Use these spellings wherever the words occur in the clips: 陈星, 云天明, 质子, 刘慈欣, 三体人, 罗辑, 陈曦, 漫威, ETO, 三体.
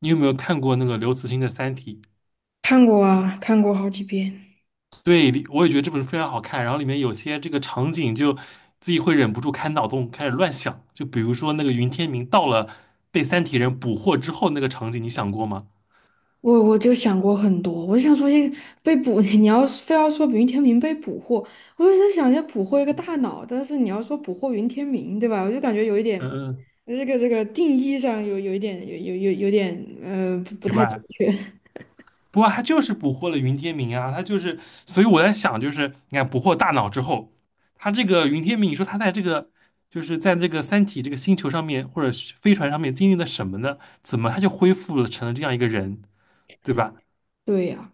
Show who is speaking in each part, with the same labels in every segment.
Speaker 1: 你有没有看过那个刘慈欣的《三体》？
Speaker 2: 看过啊，看过好几遍。
Speaker 1: 对，里我也觉得这本书非常好看。然后里面有些这个场景，就自己会忍不住开脑洞，开始乱想。就比如说那个云天明到了被三体人捕获之后那个场景，你想过吗？
Speaker 2: 我就想过很多，我就想说，这被捕，你要是非要说云天明被捕获，我就在想要捕获一个大脑，但是你要说捕获云天明，对吧？我就感觉有一点，
Speaker 1: 嗯嗯，
Speaker 2: 这个定义上有一点有点不
Speaker 1: 奇
Speaker 2: 太准
Speaker 1: 怪。
Speaker 2: 确。
Speaker 1: 不过他就是捕获了云天明啊，他就是，所以我在想，就是你看捕获大脑之后，他这个云天明，你说他在这个就是在这个三体这个星球上面或者是飞船上面经历了什么呢？怎么他就恢复了成了这样一个人，对吧？
Speaker 2: 对呀、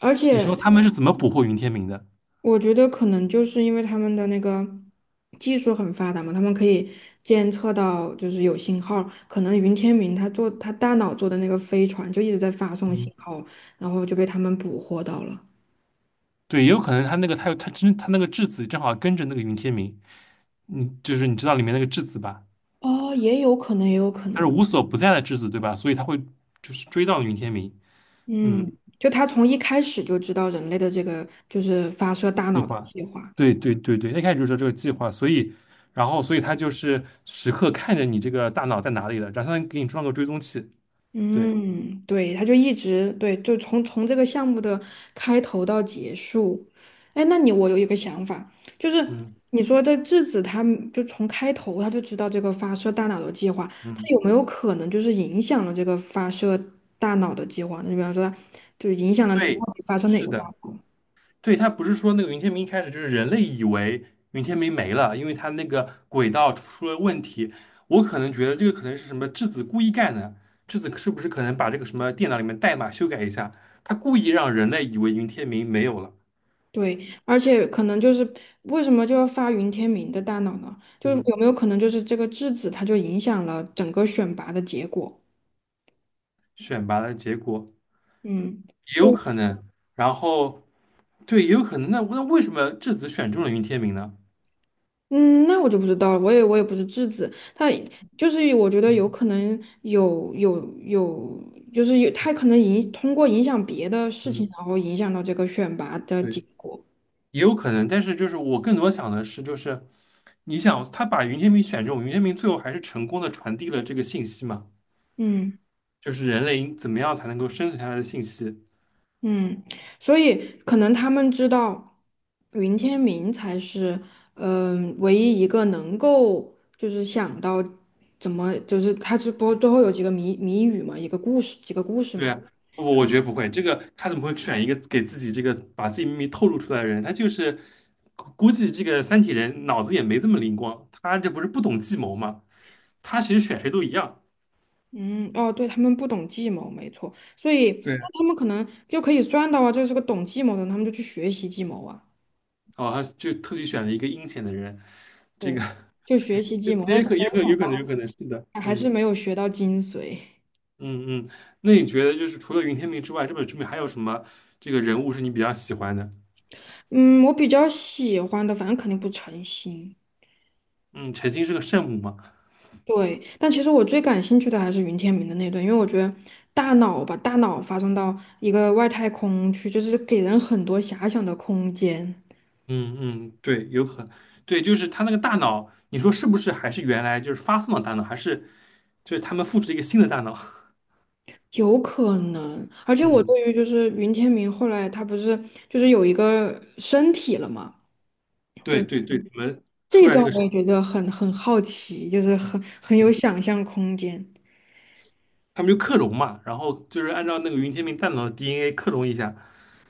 Speaker 2: 而
Speaker 1: 你说
Speaker 2: 且
Speaker 1: 他们是怎么捕获云天明的？
Speaker 2: 我觉得可能就是因为他们的那个技术很发达嘛，他们可以监测到就是有信号。可能云天明他做他大脑做的那个飞船就一直在发送信
Speaker 1: 嗯，
Speaker 2: 号，然后就被他们捕获到了。
Speaker 1: 对，也有可能他那个他有他真他那个质子正好跟着那个云天明，嗯，就是你知道里面那个质子吧？
Speaker 2: 哦，也有可能，也有可
Speaker 1: 他是
Speaker 2: 能。
Speaker 1: 无所不在的质子，对吧？所以他会就是追到云天明。
Speaker 2: 嗯，
Speaker 1: 嗯，
Speaker 2: 就他从一开始就知道人类的这个就是发射大
Speaker 1: 计
Speaker 2: 脑的
Speaker 1: 划，
Speaker 2: 计划。
Speaker 1: 对对对对，一开始就说这个计划，所以他就是时刻看着你这个大脑在哪里了，然后相当于给你装个追踪器。对，
Speaker 2: 嗯，对，他就一直对，就从这个项目的开头到结束。哎，那你我有一个想法，就是
Speaker 1: 嗯
Speaker 2: 你说这质子他们就从开头他就知道这个发射大脑的计划，他
Speaker 1: 嗯，
Speaker 2: 有没有可能就是影响了这个发射大脑的计划呢？你比方说，就影响了
Speaker 1: 对，
Speaker 2: 到底发射哪
Speaker 1: 是
Speaker 2: 个大
Speaker 1: 的。
Speaker 2: 脑？
Speaker 1: 对，他不是说那个云天明一开始就是人类以为云天明没了，因为他那个轨道出了问题。我可能觉得这个可能是什么质子故意干的，质子是不是可能把这个什么电脑里面代码修改一下，他故意让人类以为云天明没有了。
Speaker 2: 对，而且可能就是为什么就要发云天明的大脑呢？就是
Speaker 1: 嗯，
Speaker 2: 有没有可能就是这个质子它就影响了整个选拔的结果？
Speaker 1: 选拔的结果
Speaker 2: 嗯。
Speaker 1: 也有
Speaker 2: 就。
Speaker 1: 可能。然后对，也有可能。那为什么质子选中了云天明呢？
Speaker 2: 嗯，那我就不知道了，我也不是质子，他就是我觉得有可能有有有，就是有他可能通过影响别的事情，
Speaker 1: 嗯，
Speaker 2: 然后影响到这个选拔的
Speaker 1: 对。
Speaker 2: 结果。
Speaker 1: 也有可能，但是就是我更多想的是，就是你想他把云天明选中，云天明最后还是成功的传递了这个信息嘛，
Speaker 2: 嗯
Speaker 1: 就是人类应怎么样才能够生存下来的信息。
Speaker 2: 嗯，所以可能他们知道云天明才是唯一一个能够就是想到怎么就是他是不最后有几个谜语嘛，一个故事几个故事
Speaker 1: 对
Speaker 2: 嘛。
Speaker 1: 啊，我觉得不会，这个他怎么会选一个给自己这个把自己秘密透露出来的人？他就是估计这个三体人脑子也没这么灵光，他这不是不懂计谋嘛？他其实选谁都一样。
Speaker 2: 嗯，哦，对，他们不懂计谋，没错，所以
Speaker 1: 对，
Speaker 2: 那他们可能就可以算到啊，这是个懂计谋的人他们就去学习计谋啊，
Speaker 1: 哦，他就特地选了一个阴险的人，这个
Speaker 2: 对，就学习计谋，但
Speaker 1: 也
Speaker 2: 是
Speaker 1: 可也可有可能有可能是的，
Speaker 2: 还是
Speaker 1: 嗯。
Speaker 2: 没有学到精髓。
Speaker 1: 嗯嗯，那你觉得就是除了云天明之外，这本书里面还有什么这个人物是你比较喜欢的？
Speaker 2: 嗯，我比较喜欢的，反正肯定不诚心，
Speaker 1: 嗯，陈星是个圣母嘛？
Speaker 2: 对，但其实我最感兴趣的还是云天明的那段，因为我觉得大脑吧，大脑发送到一个外太空去，就是给人很多遐想的空间。
Speaker 1: 嗯嗯，对，有可能对，就是他那个大脑，你说是不是还是原来就是发送的大脑，还是就是他们复制了一个新的大脑？
Speaker 2: 有可能，而 且我
Speaker 1: 嗯，
Speaker 2: 对于就是云天明后来他不是就是有一个身体了嘛，就
Speaker 1: 对
Speaker 2: 是
Speaker 1: 对对，你们
Speaker 2: 这
Speaker 1: 出
Speaker 2: 一
Speaker 1: 来
Speaker 2: 段
Speaker 1: 这个
Speaker 2: 我
Speaker 1: 神，
Speaker 2: 也觉得很好奇，就是很有想象空间。
Speaker 1: 他们就克隆嘛，然后就是按照那个云天明大脑的 DNA 克隆一下，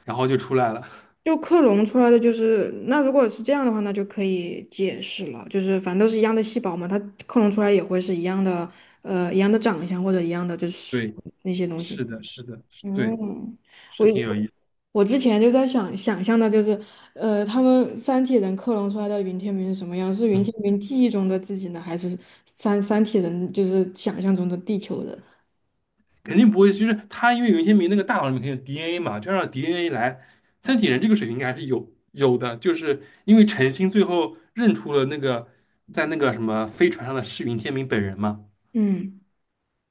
Speaker 1: 然后就出来了。
Speaker 2: 就克隆出来的就是那如果是这样的话，那就可以解释了，就是反正都是一样的细胞嘛，它克隆出来也会是一样的一样的长相或者一样的就 是
Speaker 1: 对，
Speaker 2: 那些东西。
Speaker 1: 是的，是的，对，
Speaker 2: 嗯，
Speaker 1: 是
Speaker 2: 我
Speaker 1: 挺有意思。
Speaker 2: 我之前就在想象的，就是他们三体人克隆出来的云天明是什么样？是云
Speaker 1: 嗯。
Speaker 2: 天明记忆中的自己呢，还是三体人就是想象中的地球人？
Speaker 1: 肯定不会，就是他因为云天明那个大脑里面肯定有 DNA 嘛，就让 DNA 来，三体人这个水平应该还是有的，就是因为陈星最后认出了那个在那个什么飞船上的是云天明本人嘛，
Speaker 2: 嗯，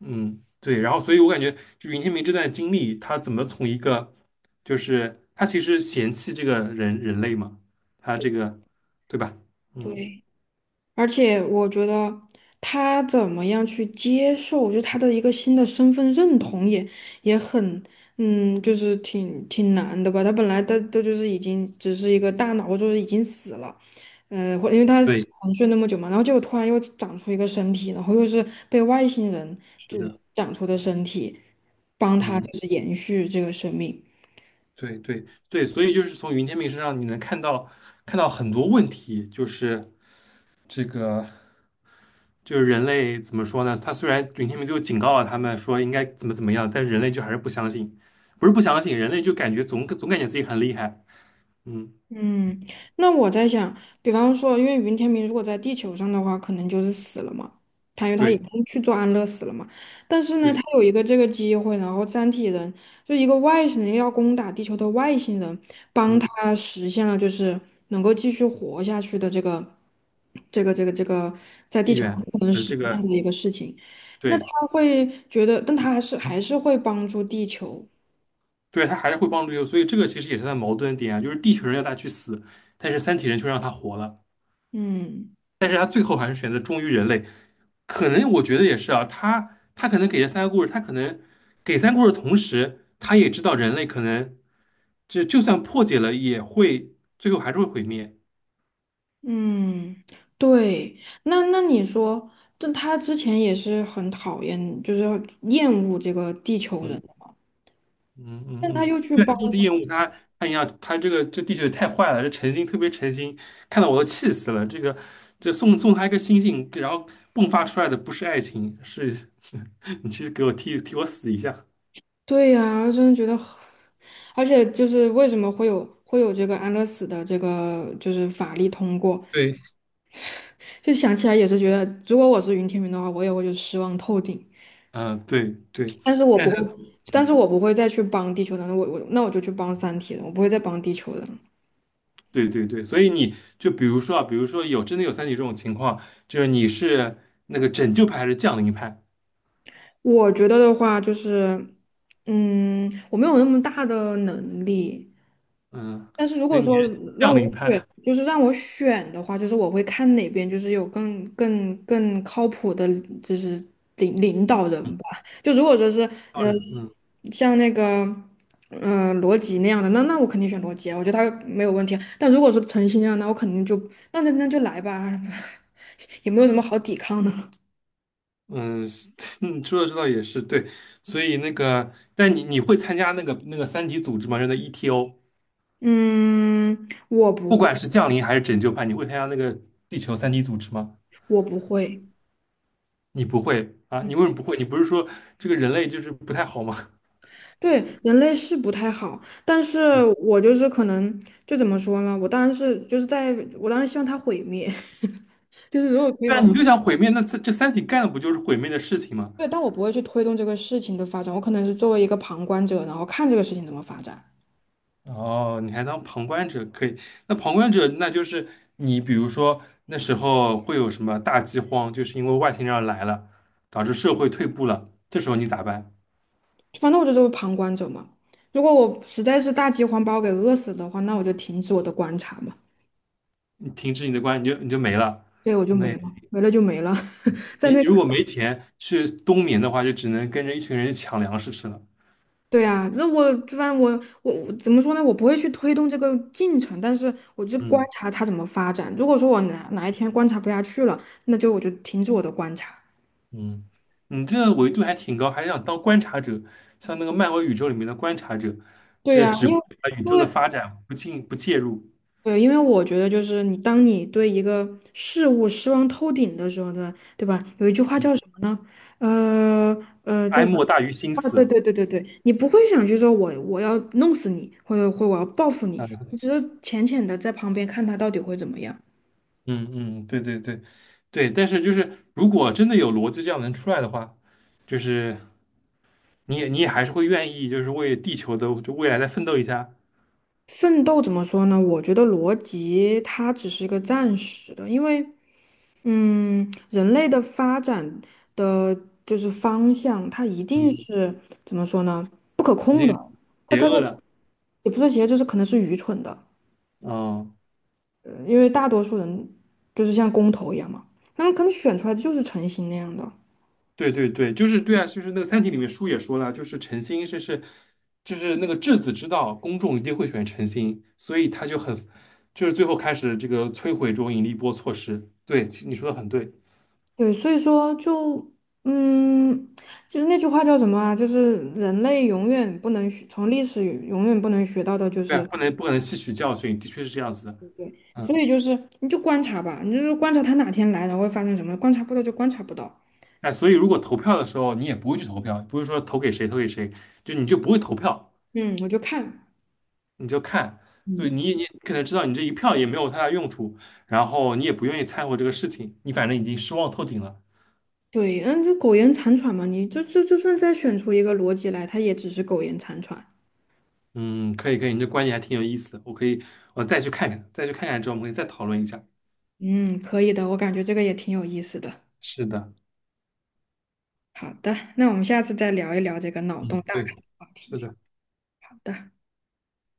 Speaker 1: 嗯，对，然后所以我感觉就云天明这段经历，他怎么从一个就是他其实嫌弃这个人类嘛，他这个对吧？嗯，
Speaker 2: 对。而且我觉得他怎么样去接受，就他的一个新的身份认同也很，就是挺难的吧。他本来都就是已经只是一个大脑，就是已经死了，或因为他
Speaker 1: 对，
Speaker 2: 沉睡那么久嘛，然后结果突然又长出一个身体，然后又是被外星人
Speaker 1: 是
Speaker 2: 就是
Speaker 1: 的，
Speaker 2: 长出的身体，帮他
Speaker 1: 嗯，
Speaker 2: 就是延续这个生命。
Speaker 1: 对对对，所以就是从云天明身上你能看到很多问题，就是这个就是人类怎么说呢？他虽然云天明就警告了他们说应该怎么怎么样，但是人类就还是不相信，不是不相信，人类就感觉总感觉自己很厉害。嗯
Speaker 2: 嗯，那我在想，比方说，因为云天明如果在地球上的话，可能就是死了嘛，他因为他已
Speaker 1: 对
Speaker 2: 经去做安乐死了嘛。但是呢，他
Speaker 1: 对，
Speaker 2: 有一个这个机会，然后三体人就一个外星人要攻打地球的外星人，帮
Speaker 1: 嗯，
Speaker 2: 他实现了就是能够继续活下去的这个在地
Speaker 1: 意
Speaker 2: 球上
Speaker 1: 愿，
Speaker 2: 不可能实
Speaker 1: 这
Speaker 2: 现
Speaker 1: 个
Speaker 2: 的一个事情。那
Speaker 1: 对
Speaker 2: 他会觉得，但他还是会帮助地球，
Speaker 1: 对，他还是会帮助地球，所以这个其实也是他的矛盾点啊，就是地球人要他去死，但是三体人却让他活了，
Speaker 2: 嗯。
Speaker 1: 但是他最后还是选择忠于人类，可能我觉得也是啊，他可能给这三个故事，他可能给三个故事的同时，他也知道人类可能就算破解了，也会最后还是会毁灭。
Speaker 2: 嗯，对，那你说，这他之前也是很讨厌，就是厌恶这个地球人，
Speaker 1: 嗯嗯嗯
Speaker 2: 但他
Speaker 1: 嗯，
Speaker 2: 又去
Speaker 1: 对，
Speaker 2: 帮
Speaker 1: 就是
Speaker 2: 助
Speaker 1: 厌恶
Speaker 2: 他
Speaker 1: 他，他一样，他这个这地球也太坏了，这诚心特别诚心，看到我都气死了。这个这送他一个星星，然后迸发出来的不是爱情，是 你去给我替我死一下。
Speaker 2: 对呀，真的觉得很而且就是为什么会有这个安乐死的这个就是法律通过，
Speaker 1: 对，
Speaker 2: 就想起来也是觉得，如果我是云天明的话，我也会就失望透顶，
Speaker 1: 嗯、对对，
Speaker 2: 但是我
Speaker 1: 但
Speaker 2: 不
Speaker 1: 是
Speaker 2: 会，
Speaker 1: 他。
Speaker 2: 但是我不会再去帮地球人了，我那我就去帮三体人，我不会再帮地球人了。
Speaker 1: 对对对，所以你就比如说啊，比如说有真的有三体这种情况，就是你是那个拯救派还是降临派？
Speaker 2: 我觉得的话就是，我没有那么大的能力，
Speaker 1: 嗯，
Speaker 2: 但是如
Speaker 1: 所
Speaker 2: 果
Speaker 1: 以你
Speaker 2: 说
Speaker 1: 是
Speaker 2: 让
Speaker 1: 降
Speaker 2: 我
Speaker 1: 临
Speaker 2: 选，
Speaker 1: 派，
Speaker 2: 就是让我选的话，就是我会看哪边就是有更靠谱的，就是领导
Speaker 1: 嗯，
Speaker 2: 人吧。就如果说是
Speaker 1: 当
Speaker 2: 呃，
Speaker 1: 然嗯
Speaker 2: 像那个罗辑那样的，那那我肯定选罗辑啊，我觉得他没有问题啊。但如果说陈曦啊，那我肯定就那就来吧，也没有什么好抵抗的了。
Speaker 1: 嗯，是 嗯说的这倒也是对，所以那个，但你会参加那个三体组织吗？就那 ETO，
Speaker 2: 嗯，我不
Speaker 1: 不管是降临还是拯救派，你会参加那个地球三体组织吗？
Speaker 2: 我不会。
Speaker 1: 你不会啊？你
Speaker 2: 嗯，
Speaker 1: 为什么不会？你不是说这个人类就是不太好吗？
Speaker 2: 对，人类是不太好，但是我就是可能就怎么说呢？我当然是就是在我当然希望它毁灭，就是如果可以的
Speaker 1: 对啊，
Speaker 2: 话，
Speaker 1: 你就想毁灭，那这三体干的不就是毁灭的事情吗？
Speaker 2: 对，但我不会去推动这个事情的发展，我可能是作为一个旁观者，然后看这个事情怎么发展。
Speaker 1: 哦，你还当旁观者可以？那旁观者，那就是你，比如说那时候会有什么大饥荒，就是因为外星人来了，导致社会退步了，这时候你咋办？
Speaker 2: 反正我就作为旁观者嘛。如果我实在是大饥荒把我给饿死的话，那我就停止我的观察嘛。
Speaker 1: 你停止你的关，你就没了。
Speaker 2: 对，我就
Speaker 1: 那也
Speaker 2: 没了，没了就没了，在
Speaker 1: 你
Speaker 2: 那
Speaker 1: 如果
Speaker 2: 个
Speaker 1: 没钱去冬眠的话，就只能跟着一群人去抢粮食吃了。
Speaker 2: 对啊，那我就反正我怎么说呢？我不会去推动这个进程，但是我就观
Speaker 1: 嗯
Speaker 2: 察它怎么发展。如果说我哪一天观察不下去了，那就我就停止我的观察。
Speaker 1: 嗯，你这个维度还挺高，还想当观察者，像那个漫威宇宙里面的观察者，
Speaker 2: 对
Speaker 1: 这
Speaker 2: 呀，
Speaker 1: 只
Speaker 2: 因
Speaker 1: 把
Speaker 2: 为
Speaker 1: 宇
Speaker 2: 因
Speaker 1: 宙的
Speaker 2: 为
Speaker 1: 发展不进不介入，
Speaker 2: 对，因为我觉得就是你当你对一个事物失望透顶的时候呢，对吧？有一句话
Speaker 1: 嗯，
Speaker 2: 叫什么呢？呃叫
Speaker 1: 哀
Speaker 2: 什么？
Speaker 1: 莫大于心
Speaker 2: 啊，对
Speaker 1: 死。
Speaker 2: 对对对对，你不会想去说我要弄死你，或者我要报复你，你只
Speaker 1: 啊。
Speaker 2: 是浅浅的在旁边看他到底会怎么样。
Speaker 1: 嗯嗯，对对对，对，但是就是如果真的有逻辑这样能出来的话，就是你也还是会愿意，就是为地球的就未来再奋斗一下，
Speaker 2: 奋斗怎么说呢？我觉得逻辑它只是一个暂时的，因为嗯，人类的发展的就是方向，它一定
Speaker 1: 嗯，
Speaker 2: 是怎么说呢？不可
Speaker 1: 一
Speaker 2: 控
Speaker 1: 定
Speaker 2: 的，
Speaker 1: 是
Speaker 2: 它
Speaker 1: 邪
Speaker 2: 它
Speaker 1: 恶的，
Speaker 2: 也不是邪，就是可能是愚蠢的，
Speaker 1: 嗯，
Speaker 2: 因为大多数人就是像公投一样嘛，那么可能选出来的就是成型那样的，
Speaker 1: 对对对，就是对啊，就是那个《三体》里面书也说了，就是诚心是就是那个质子之道，公众一定会选诚心，所以他就很就是最后开始这个摧毁这种引力波措施，对，其实你说的很对，
Speaker 2: 对，所以说嗯，就是那句话叫什么啊？就是人类永远不能学，从历史永远不能学到的就
Speaker 1: 对啊，
Speaker 2: 是。
Speaker 1: 不能不可能吸取教训，的确是这样子的。
Speaker 2: 所
Speaker 1: 嗯。
Speaker 2: 以就是你就观察吧，你就是观察他哪天来，然后会发生什么，观察不到就观察不到。
Speaker 1: 哎，所以如果投票的时候你也不会去投票，不会说投给谁投给谁，就你就不会投票，
Speaker 2: 嗯，我就看，
Speaker 1: 你就看，就
Speaker 2: 嗯，
Speaker 1: 你可能知道你这一票也没有太大用处，然后你也不愿意掺和这个事情，你反正已经失望透顶了。
Speaker 2: 对，嗯，这苟延残喘嘛，你就算再选出一个逻辑来，它也只是苟延残喘。
Speaker 1: 嗯，可以可以，你这观点还挺有意思的，我可以我再去看看，再去看看之后我们可以再讨论一下。
Speaker 2: 嗯，可以的，我感觉这个也挺有意思的。
Speaker 1: 是的，
Speaker 2: 好的，那我们下次再聊一聊这个脑洞
Speaker 1: 嗯，
Speaker 2: 大开
Speaker 1: 对，
Speaker 2: 的话
Speaker 1: 是
Speaker 2: 题。
Speaker 1: 的。
Speaker 2: 好的。